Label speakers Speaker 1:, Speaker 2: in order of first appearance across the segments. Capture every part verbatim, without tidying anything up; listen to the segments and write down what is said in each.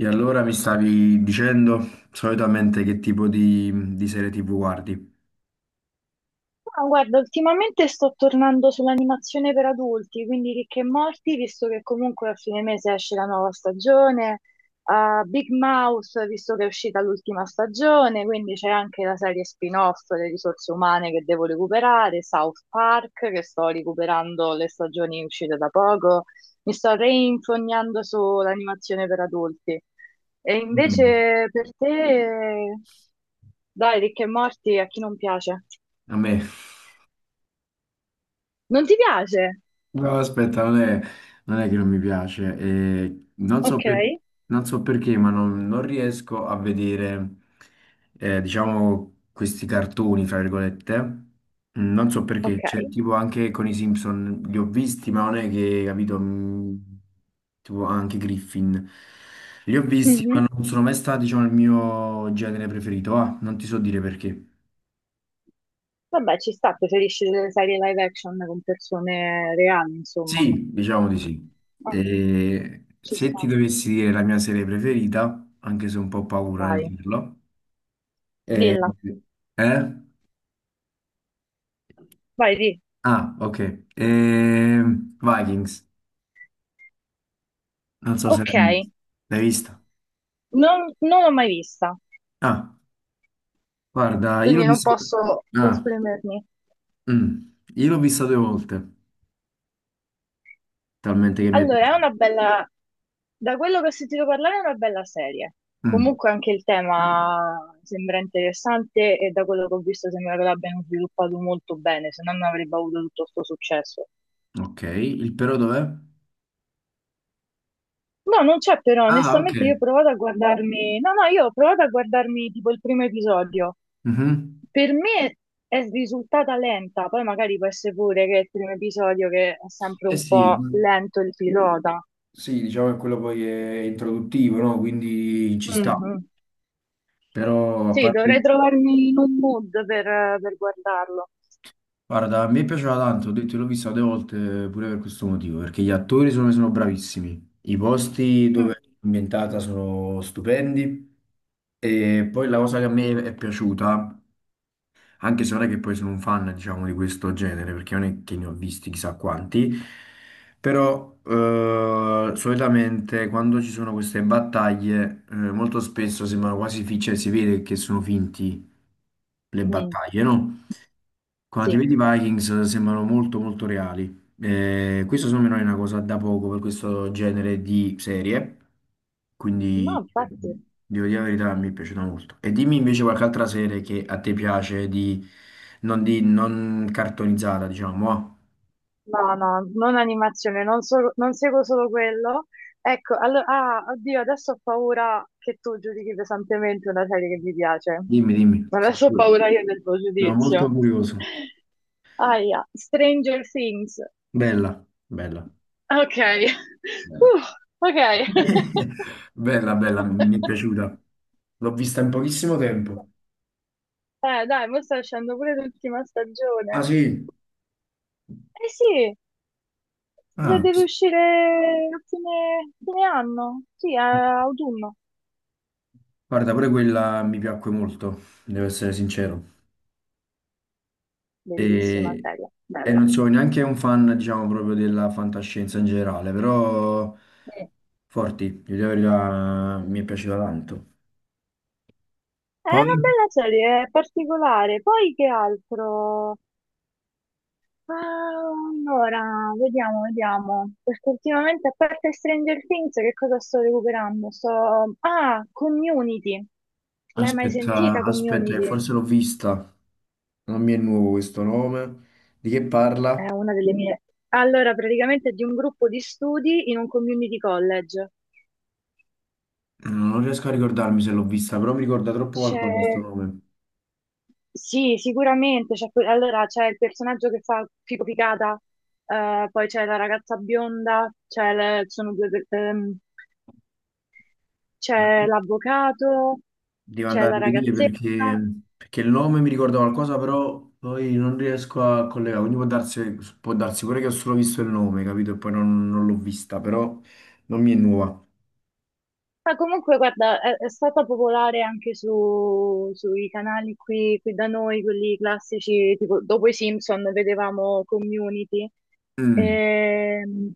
Speaker 1: E allora mi stavi dicendo solitamente che tipo di, di serie ti vu guardi?
Speaker 2: No, guarda, ultimamente sto tornando sull'animazione per adulti, quindi Rick e Morty, visto che comunque a fine mese esce la nuova stagione, a Big Mouth, visto che è uscita l'ultima stagione, quindi c'è anche la serie spin-off Le risorse umane che devo recuperare, South Park che sto recuperando le stagioni uscite da poco, mi sto reinfognando sull'animazione per adulti. E
Speaker 1: Mm. Mm.
Speaker 2: invece per te, dai, Rick e Morty, a chi non piace?
Speaker 1: A me.
Speaker 2: Non ti piace?
Speaker 1: No, aspetta, non è, non è che non mi piace, eh, non so
Speaker 2: Ok.
Speaker 1: per- non so perché, ma non, non riesco a vedere, eh, diciamo, questi cartoni, fra virgolette. Mm. Non so perché, cioè,
Speaker 2: Ok.
Speaker 1: tipo anche con i Simpson li ho visti, ma non è che, capito, mm, tipo anche Griffin. Li ho visti,
Speaker 2: Mhm.
Speaker 1: ma non sono mai stati, diciamo, il mio genere preferito. Ah, non ti so dire perché.
Speaker 2: Vabbè, ci sta, preferisci delle serie live action con persone reali, insomma.
Speaker 1: Sì, diciamo di sì.
Speaker 2: Ah,
Speaker 1: E
Speaker 2: ci
Speaker 1: se
Speaker 2: sta.
Speaker 1: ti dovessi dire la mia serie preferita, anche se ho un po' paura nel
Speaker 2: Vai,
Speaker 1: dirlo, eh,
Speaker 2: dilla.
Speaker 1: eh?
Speaker 2: Vai, di.
Speaker 1: Ah, ok. Ehm, Vikings, non so se
Speaker 2: Ok,
Speaker 1: l'hai l'hai vista.
Speaker 2: non, non l'ho mai vista,
Speaker 1: Ah, guarda, io l'ho
Speaker 2: quindi non
Speaker 1: vista...
Speaker 2: posso
Speaker 1: Ah,
Speaker 2: esprimermi.
Speaker 1: mm. Io l'ho vista due volte, talmente che mi è
Speaker 2: Allora, è
Speaker 1: piaciuta.
Speaker 2: una bella... Da quello che ho sentito parlare è una bella serie.
Speaker 1: Mm.
Speaker 2: Comunque anche il tema sembra interessante e da quello che ho visto sembra che l'abbiano sviluppato molto bene, se no non avrebbe avuto tutto questo successo.
Speaker 1: Ok, il però dov'è?
Speaker 2: No, non c'è però,
Speaker 1: Ah, ok.
Speaker 2: onestamente io ho provato a guardarmi, no, no, io ho provato a guardarmi tipo il primo episodio.
Speaker 1: Mhm.
Speaker 2: Per me è risultata lenta, poi magari può essere pure che è il primo episodio che è sempre
Speaker 1: Eh
Speaker 2: un
Speaker 1: sì,
Speaker 2: po' lento il pilota.
Speaker 1: sì, diciamo che quello poi è introduttivo, no? Quindi ci sta.
Speaker 2: Mhm.
Speaker 1: Però a
Speaker 2: Sì, dovrei
Speaker 1: parte...
Speaker 2: trovarmi in un mood per, per guardarlo.
Speaker 1: Guarda, a me piaceva tanto, ho detto, l'ho vista due volte pure per questo motivo, perché gli attori sono, sono bravissimi, i posti dove
Speaker 2: Mm,
Speaker 1: è ambientata sono stupendi e poi la cosa che a me è piaciuta, anche se non è che poi sono un fan, diciamo, di questo genere, perché non è che ne ho visti chissà quanti, però eh, solitamente quando ci sono queste battaglie, eh, molto spesso sembrano quasi finti, cioè si vede che sono finti le
Speaker 2: mm,
Speaker 1: battaglie, no? Quando ti
Speaker 2: sì,
Speaker 1: vedi i Vikings sembrano molto molto reali. Eh, questo secondo me non è una cosa da poco per questo genere di serie,
Speaker 2: no,
Speaker 1: quindi
Speaker 2: infatti.
Speaker 1: devo dire la verità, mi è piaciuta molto. E dimmi invece qualche altra serie che a te piace, di, non, di, non cartonizzata, diciamo. Ah.
Speaker 2: No, no, non animazione, non, solo- non seguo solo quello. Ecco, allora, ah, oddio, adesso ho paura che tu giudichi pesantemente una serie che mi piace.
Speaker 1: Dimmi, dimmi. Sono
Speaker 2: Adesso ho
Speaker 1: pure-
Speaker 2: paura io del tuo
Speaker 1: no, molto
Speaker 2: giudizio.
Speaker 1: curioso.
Speaker 2: Aia, Stranger Things.
Speaker 1: Bella, bella,
Speaker 2: Ok,
Speaker 1: bella.
Speaker 2: Uh, ok.
Speaker 1: Bella, bella, mi è piaciuta. L'ho vista in pochissimo tempo.
Speaker 2: Eh, dai, mo sta uscendo pure l'ultima
Speaker 1: Ah
Speaker 2: stagione.
Speaker 1: sì?
Speaker 2: Eh sì, eh,
Speaker 1: Ah,
Speaker 2: deve uscire a fine, fine anno, sì, a autunno.
Speaker 1: guarda, pure quella mi piacque molto, devo essere sincero.
Speaker 2: Bellissima
Speaker 1: E,
Speaker 2: serie,
Speaker 1: e non
Speaker 2: bella.
Speaker 1: sono neanche un fan, diciamo, proprio della fantascienza in generale, però
Speaker 2: Eh,
Speaker 1: forti, di dire la verità, mi è piaciuta tanto.
Speaker 2: È una
Speaker 1: Poi,
Speaker 2: bella serie, è particolare. Poi che altro? Ah, allora, vediamo, vediamo. Perché ultimamente, a parte Stranger Things, che cosa sto recuperando? Sto... Ah, Community. L'hai mai
Speaker 1: aspetta,
Speaker 2: sentita,
Speaker 1: aspetta, che
Speaker 2: Community?
Speaker 1: forse l'ho vista, non mi è nuovo questo nome. Di che
Speaker 2: È
Speaker 1: parla?
Speaker 2: una delle no. mie. Allora, praticamente è di un gruppo di studi in un community college.
Speaker 1: Non riesco a ricordarmi se l'ho vista, però mi ricorda troppo
Speaker 2: C'è.
Speaker 1: qualcosa questo nome.
Speaker 2: Sì, sicuramente. C'è que- allora c'è il personaggio che fa Fico Picata, eh, poi c'è la ragazza bionda, c'è le- sono due per- ehm, c'è l'avvocato,
Speaker 1: Devo
Speaker 2: c'è
Speaker 1: andare
Speaker 2: la
Speaker 1: a rivedere
Speaker 2: ragazzetta.
Speaker 1: perché, perché il nome mi ricorda qualcosa, però poi non riesco a collegare. Quindi può darsi, può darsi pure che ho solo visto il nome, capito? E poi non, non l'ho vista, però non mi è nuova.
Speaker 2: Ma comunque, guarda, è, è stata popolare anche su- sui canali qui, qui da noi, quelli classici, tipo dopo i Simpson vedevamo Community,
Speaker 1: Mm,
Speaker 2: ehm,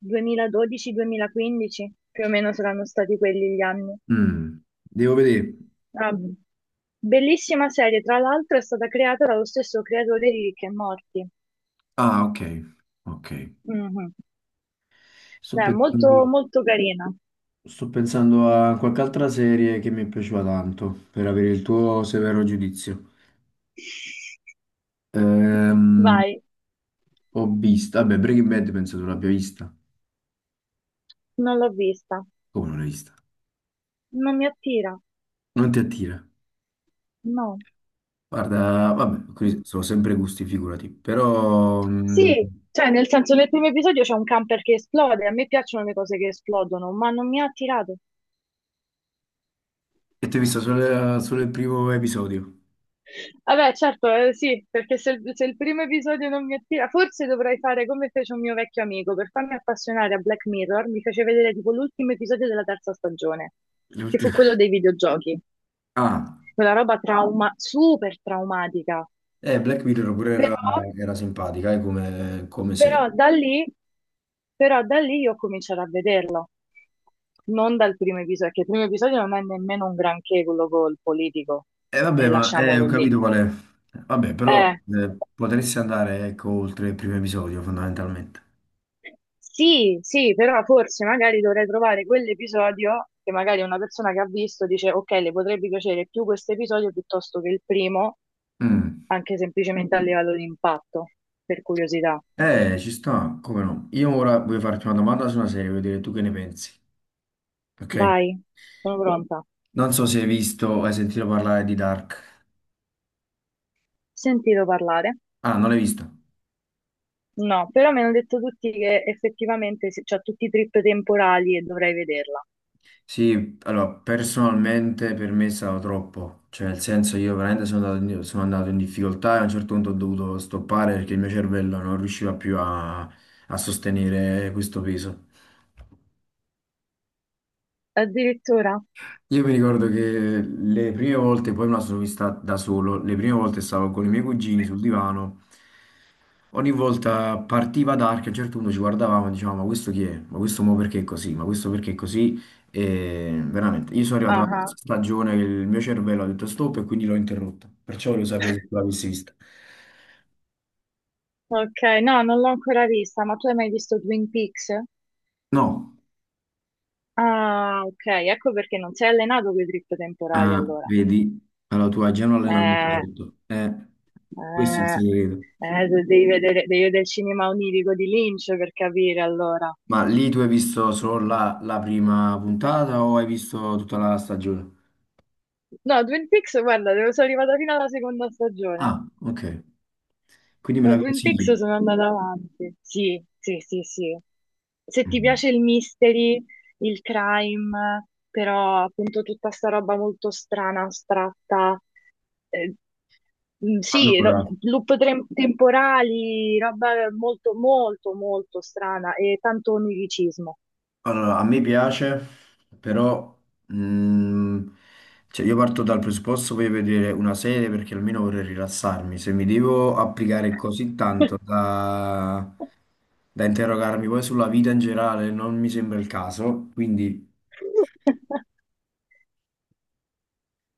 Speaker 2: duemiladodici-duemilaquindici, più o meno saranno stati quelli gli anni.
Speaker 1: mm. Devo vedere.
Speaker 2: Ah, bellissima serie, tra l'altro è stata creata dallo stesso creatore di Rick e Morty.
Speaker 1: Ah, ok. Ok.
Speaker 2: Mhm.
Speaker 1: Sto
Speaker 2: Beh, molto,
Speaker 1: pensando,
Speaker 2: molto carina.
Speaker 1: sto pensando a qualche altra serie che mi è piaciuta tanto, per avere il tuo severo giudizio. Ehm,
Speaker 2: Vai,
Speaker 1: ho visto, vabbè, Breaking Bad penso tu l'abbia vista.
Speaker 2: non l'ho vista,
Speaker 1: Come non l'hai vista?
Speaker 2: non mi attira,
Speaker 1: Non ti attira?
Speaker 2: no.
Speaker 1: Guarda, vabbè, qui sono sempre gusti, figurati, però... Mh,
Speaker 2: Sì, cioè nel senso nel primo episodio c'è un camper che esplode, a me piacciono le cose che esplodono, ma non mi ha attirato.
Speaker 1: e ti ho visto solo, solo il primo episodio,
Speaker 2: Vabbè, certo, eh, sì, perché se, il se il primo episodio non mi attira, forse dovrei fare come fece un mio vecchio amico, per farmi appassionare a Black Mirror, mi fece vedere tipo l'ultimo episodio della terza stagione, che fu
Speaker 1: l'ultimo.
Speaker 2: quello dei videogiochi,
Speaker 1: Ah,
Speaker 2: quella roba trauma, super traumatica,
Speaker 1: eh, Black Mirror pure era,
Speaker 2: però,
Speaker 1: era simpatica, eh, come, come sei.
Speaker 2: però da lì, però da lì io comincerò a vederlo, non dal primo episodio, perché il primo episodio non è nemmeno un granché quello col politico,
Speaker 1: E
Speaker 2: e
Speaker 1: vabbè, ma eh, ho
Speaker 2: lasciamolo lì.
Speaker 1: capito qual è. Vabbè, però
Speaker 2: Eh,
Speaker 1: eh, potresti andare, ecco, oltre il primo episodio, fondamentalmente.
Speaker 2: Sì, sì, però forse magari dovrei trovare quell'episodio che magari una persona che ha visto dice, ok, le potrebbe piacere più questo episodio piuttosto che il primo,
Speaker 1: Mm.
Speaker 2: anche semplicemente a livello di impatto, per curiosità.
Speaker 1: Eh, ci sta, come no. Io ora voglio farti una domanda su una serie, voglio vedere tu che ne pensi, ok?
Speaker 2: Vai, sono pronta.
Speaker 1: Non so se hai visto o hai sentito parlare di Dark.
Speaker 2: Sentito parlare?
Speaker 1: Ah, non l'hai visto?
Speaker 2: No, però mi hanno detto tutti che effettivamente se- c'ha tutti i trip temporali e dovrei vederla.
Speaker 1: Sì, allora personalmente per me è stato troppo, cioè nel senso io veramente sono andato in, sono andato in difficoltà e a un certo punto ho dovuto stoppare perché il mio cervello non riusciva più a, a sostenere questo peso.
Speaker 2: Addirittura?
Speaker 1: Io mi ricordo che le prime volte, poi me la sono vista da solo, le prime volte stavo con i miei cugini sul divano, ogni volta partiva Dark, a un certo punto ci guardavamo e dicevamo ma questo chi è? Ma questo mo perché è così? Ma questo perché è così? E veramente, io sono arrivato
Speaker 2: Ah,
Speaker 1: alla
Speaker 2: ah.
Speaker 1: terza stagione che il mio cervello ha detto stop e quindi l'ho interrotta, perciò volevo sapere se tu l'avessi vista.
Speaker 2: Ok, no, non l'ho ancora vista, ma tu hai mai visto Twin Peaks?
Speaker 1: No,
Speaker 2: Ah, ok, ecco perché non sei allenato con i trip temporali
Speaker 1: ah,
Speaker 2: allora.
Speaker 1: vedi, allora tu hai già un allenamento
Speaker 2: Eh,
Speaker 1: sotto, eh, questo è il
Speaker 2: No. Eh,
Speaker 1: segreto.
Speaker 2: eh, de- devi vedere, devi vedere il cinema onirico di Lynch per capire allora.
Speaker 1: Ma lì tu hai visto solo la, la prima puntata o hai visto tutta la stagione?
Speaker 2: No, Twin Peaks, guarda, devo- sono arrivata fino alla seconda stagione.
Speaker 1: Ah, ok. Quindi me
Speaker 2: Da
Speaker 1: la
Speaker 2: Twin Peaks
Speaker 1: consigli?
Speaker 2: sono andata avanti. Sì, sì, sì, sì. Se ti
Speaker 1: Mhm.
Speaker 2: piace il mystery, il crime, però appunto tutta sta roba molto strana, astratta, eh, mm, sì, ro-
Speaker 1: Allora,
Speaker 2: loop tre- temporali, roba molto, molto, molto strana e tanto oniricismo.
Speaker 1: allora, a me piace, però mm, cioè io parto dal presupposto, voglio vedere una serie perché almeno vorrei rilassarmi. Se mi devo applicare così tanto da, da interrogarmi poi sulla vita in generale, non mi sembra il caso, quindi...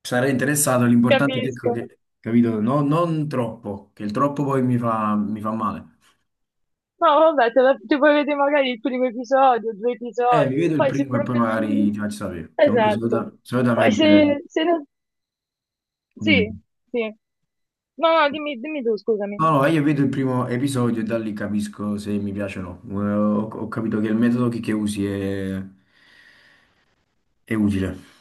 Speaker 1: Sarei interessato, l'importante è che, ecco
Speaker 2: Capisco.
Speaker 1: che- capito, no- non troppo, che il troppo poi mi fa, mi fa male.
Speaker 2: No, vabbè, te la- ti puoi vedere magari il primo episodio, due
Speaker 1: Eh, vi
Speaker 2: episodi,
Speaker 1: vedo il
Speaker 2: poi se
Speaker 1: primo e poi
Speaker 2: proprio non...
Speaker 1: magari ti faccio sapere, che comunque
Speaker 2: Esatto.
Speaker 1: solita-
Speaker 2: Poi
Speaker 1: solitamente
Speaker 2: se, se non...
Speaker 1: dimmi.
Speaker 2: Sì, sì. No, no, dimmi, dimmi tu, scusami.
Speaker 1: No, no, io vedo il primo episodio e da lì capisco se mi piace o no. Eh, Ho, ho capito che il metodo che, che usi è, è utile.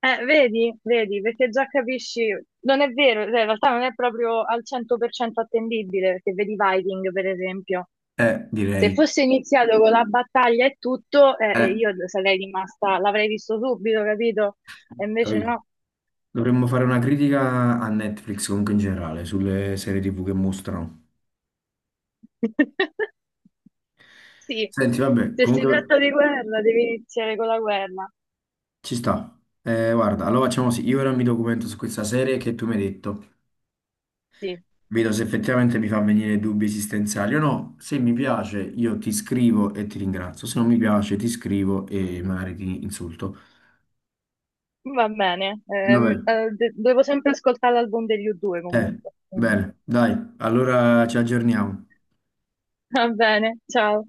Speaker 2: Eh, vedi, vedi, perché già capisci, non è vero, cioè, in realtà non è proprio al cento per cento attendibile, perché vedi Viking, per esempio.
Speaker 1: Eh,
Speaker 2: Se
Speaker 1: direi.
Speaker 2: fosse iniziato con la battaglia e tutto, eh, eh,
Speaker 1: Eh,
Speaker 2: io sarei rimasta, l'avrei visto subito, capito? E invece
Speaker 1: capito.
Speaker 2: no.
Speaker 1: Dovremmo fare una critica a Netflix comunque in generale, sulle serie ti vu che mostrano.
Speaker 2: Sì,
Speaker 1: Senti, vabbè,
Speaker 2: se si
Speaker 1: comunque
Speaker 2: tratta di guerra, devi iniziare con la guerra.
Speaker 1: ci sta. Eh, guarda, allora facciamo così. Io ora mi documento su questa serie che tu mi hai detto.
Speaker 2: Sì,
Speaker 1: Vedo se effettivamente mi fa venire dubbi esistenziali o no. Se mi piace, io ti scrivo e ti ringrazio. Se non mi piace, ti scrivo e magari ti insulto.
Speaker 2: va bene.
Speaker 1: Vabbè.
Speaker 2: Ehm, eh, de- devo sempre ascoltare l'album degli U due
Speaker 1: Eh,
Speaker 2: comunque. Quindi,
Speaker 1: bene, dai, allora ci aggiorniamo.
Speaker 2: va bene, ciao.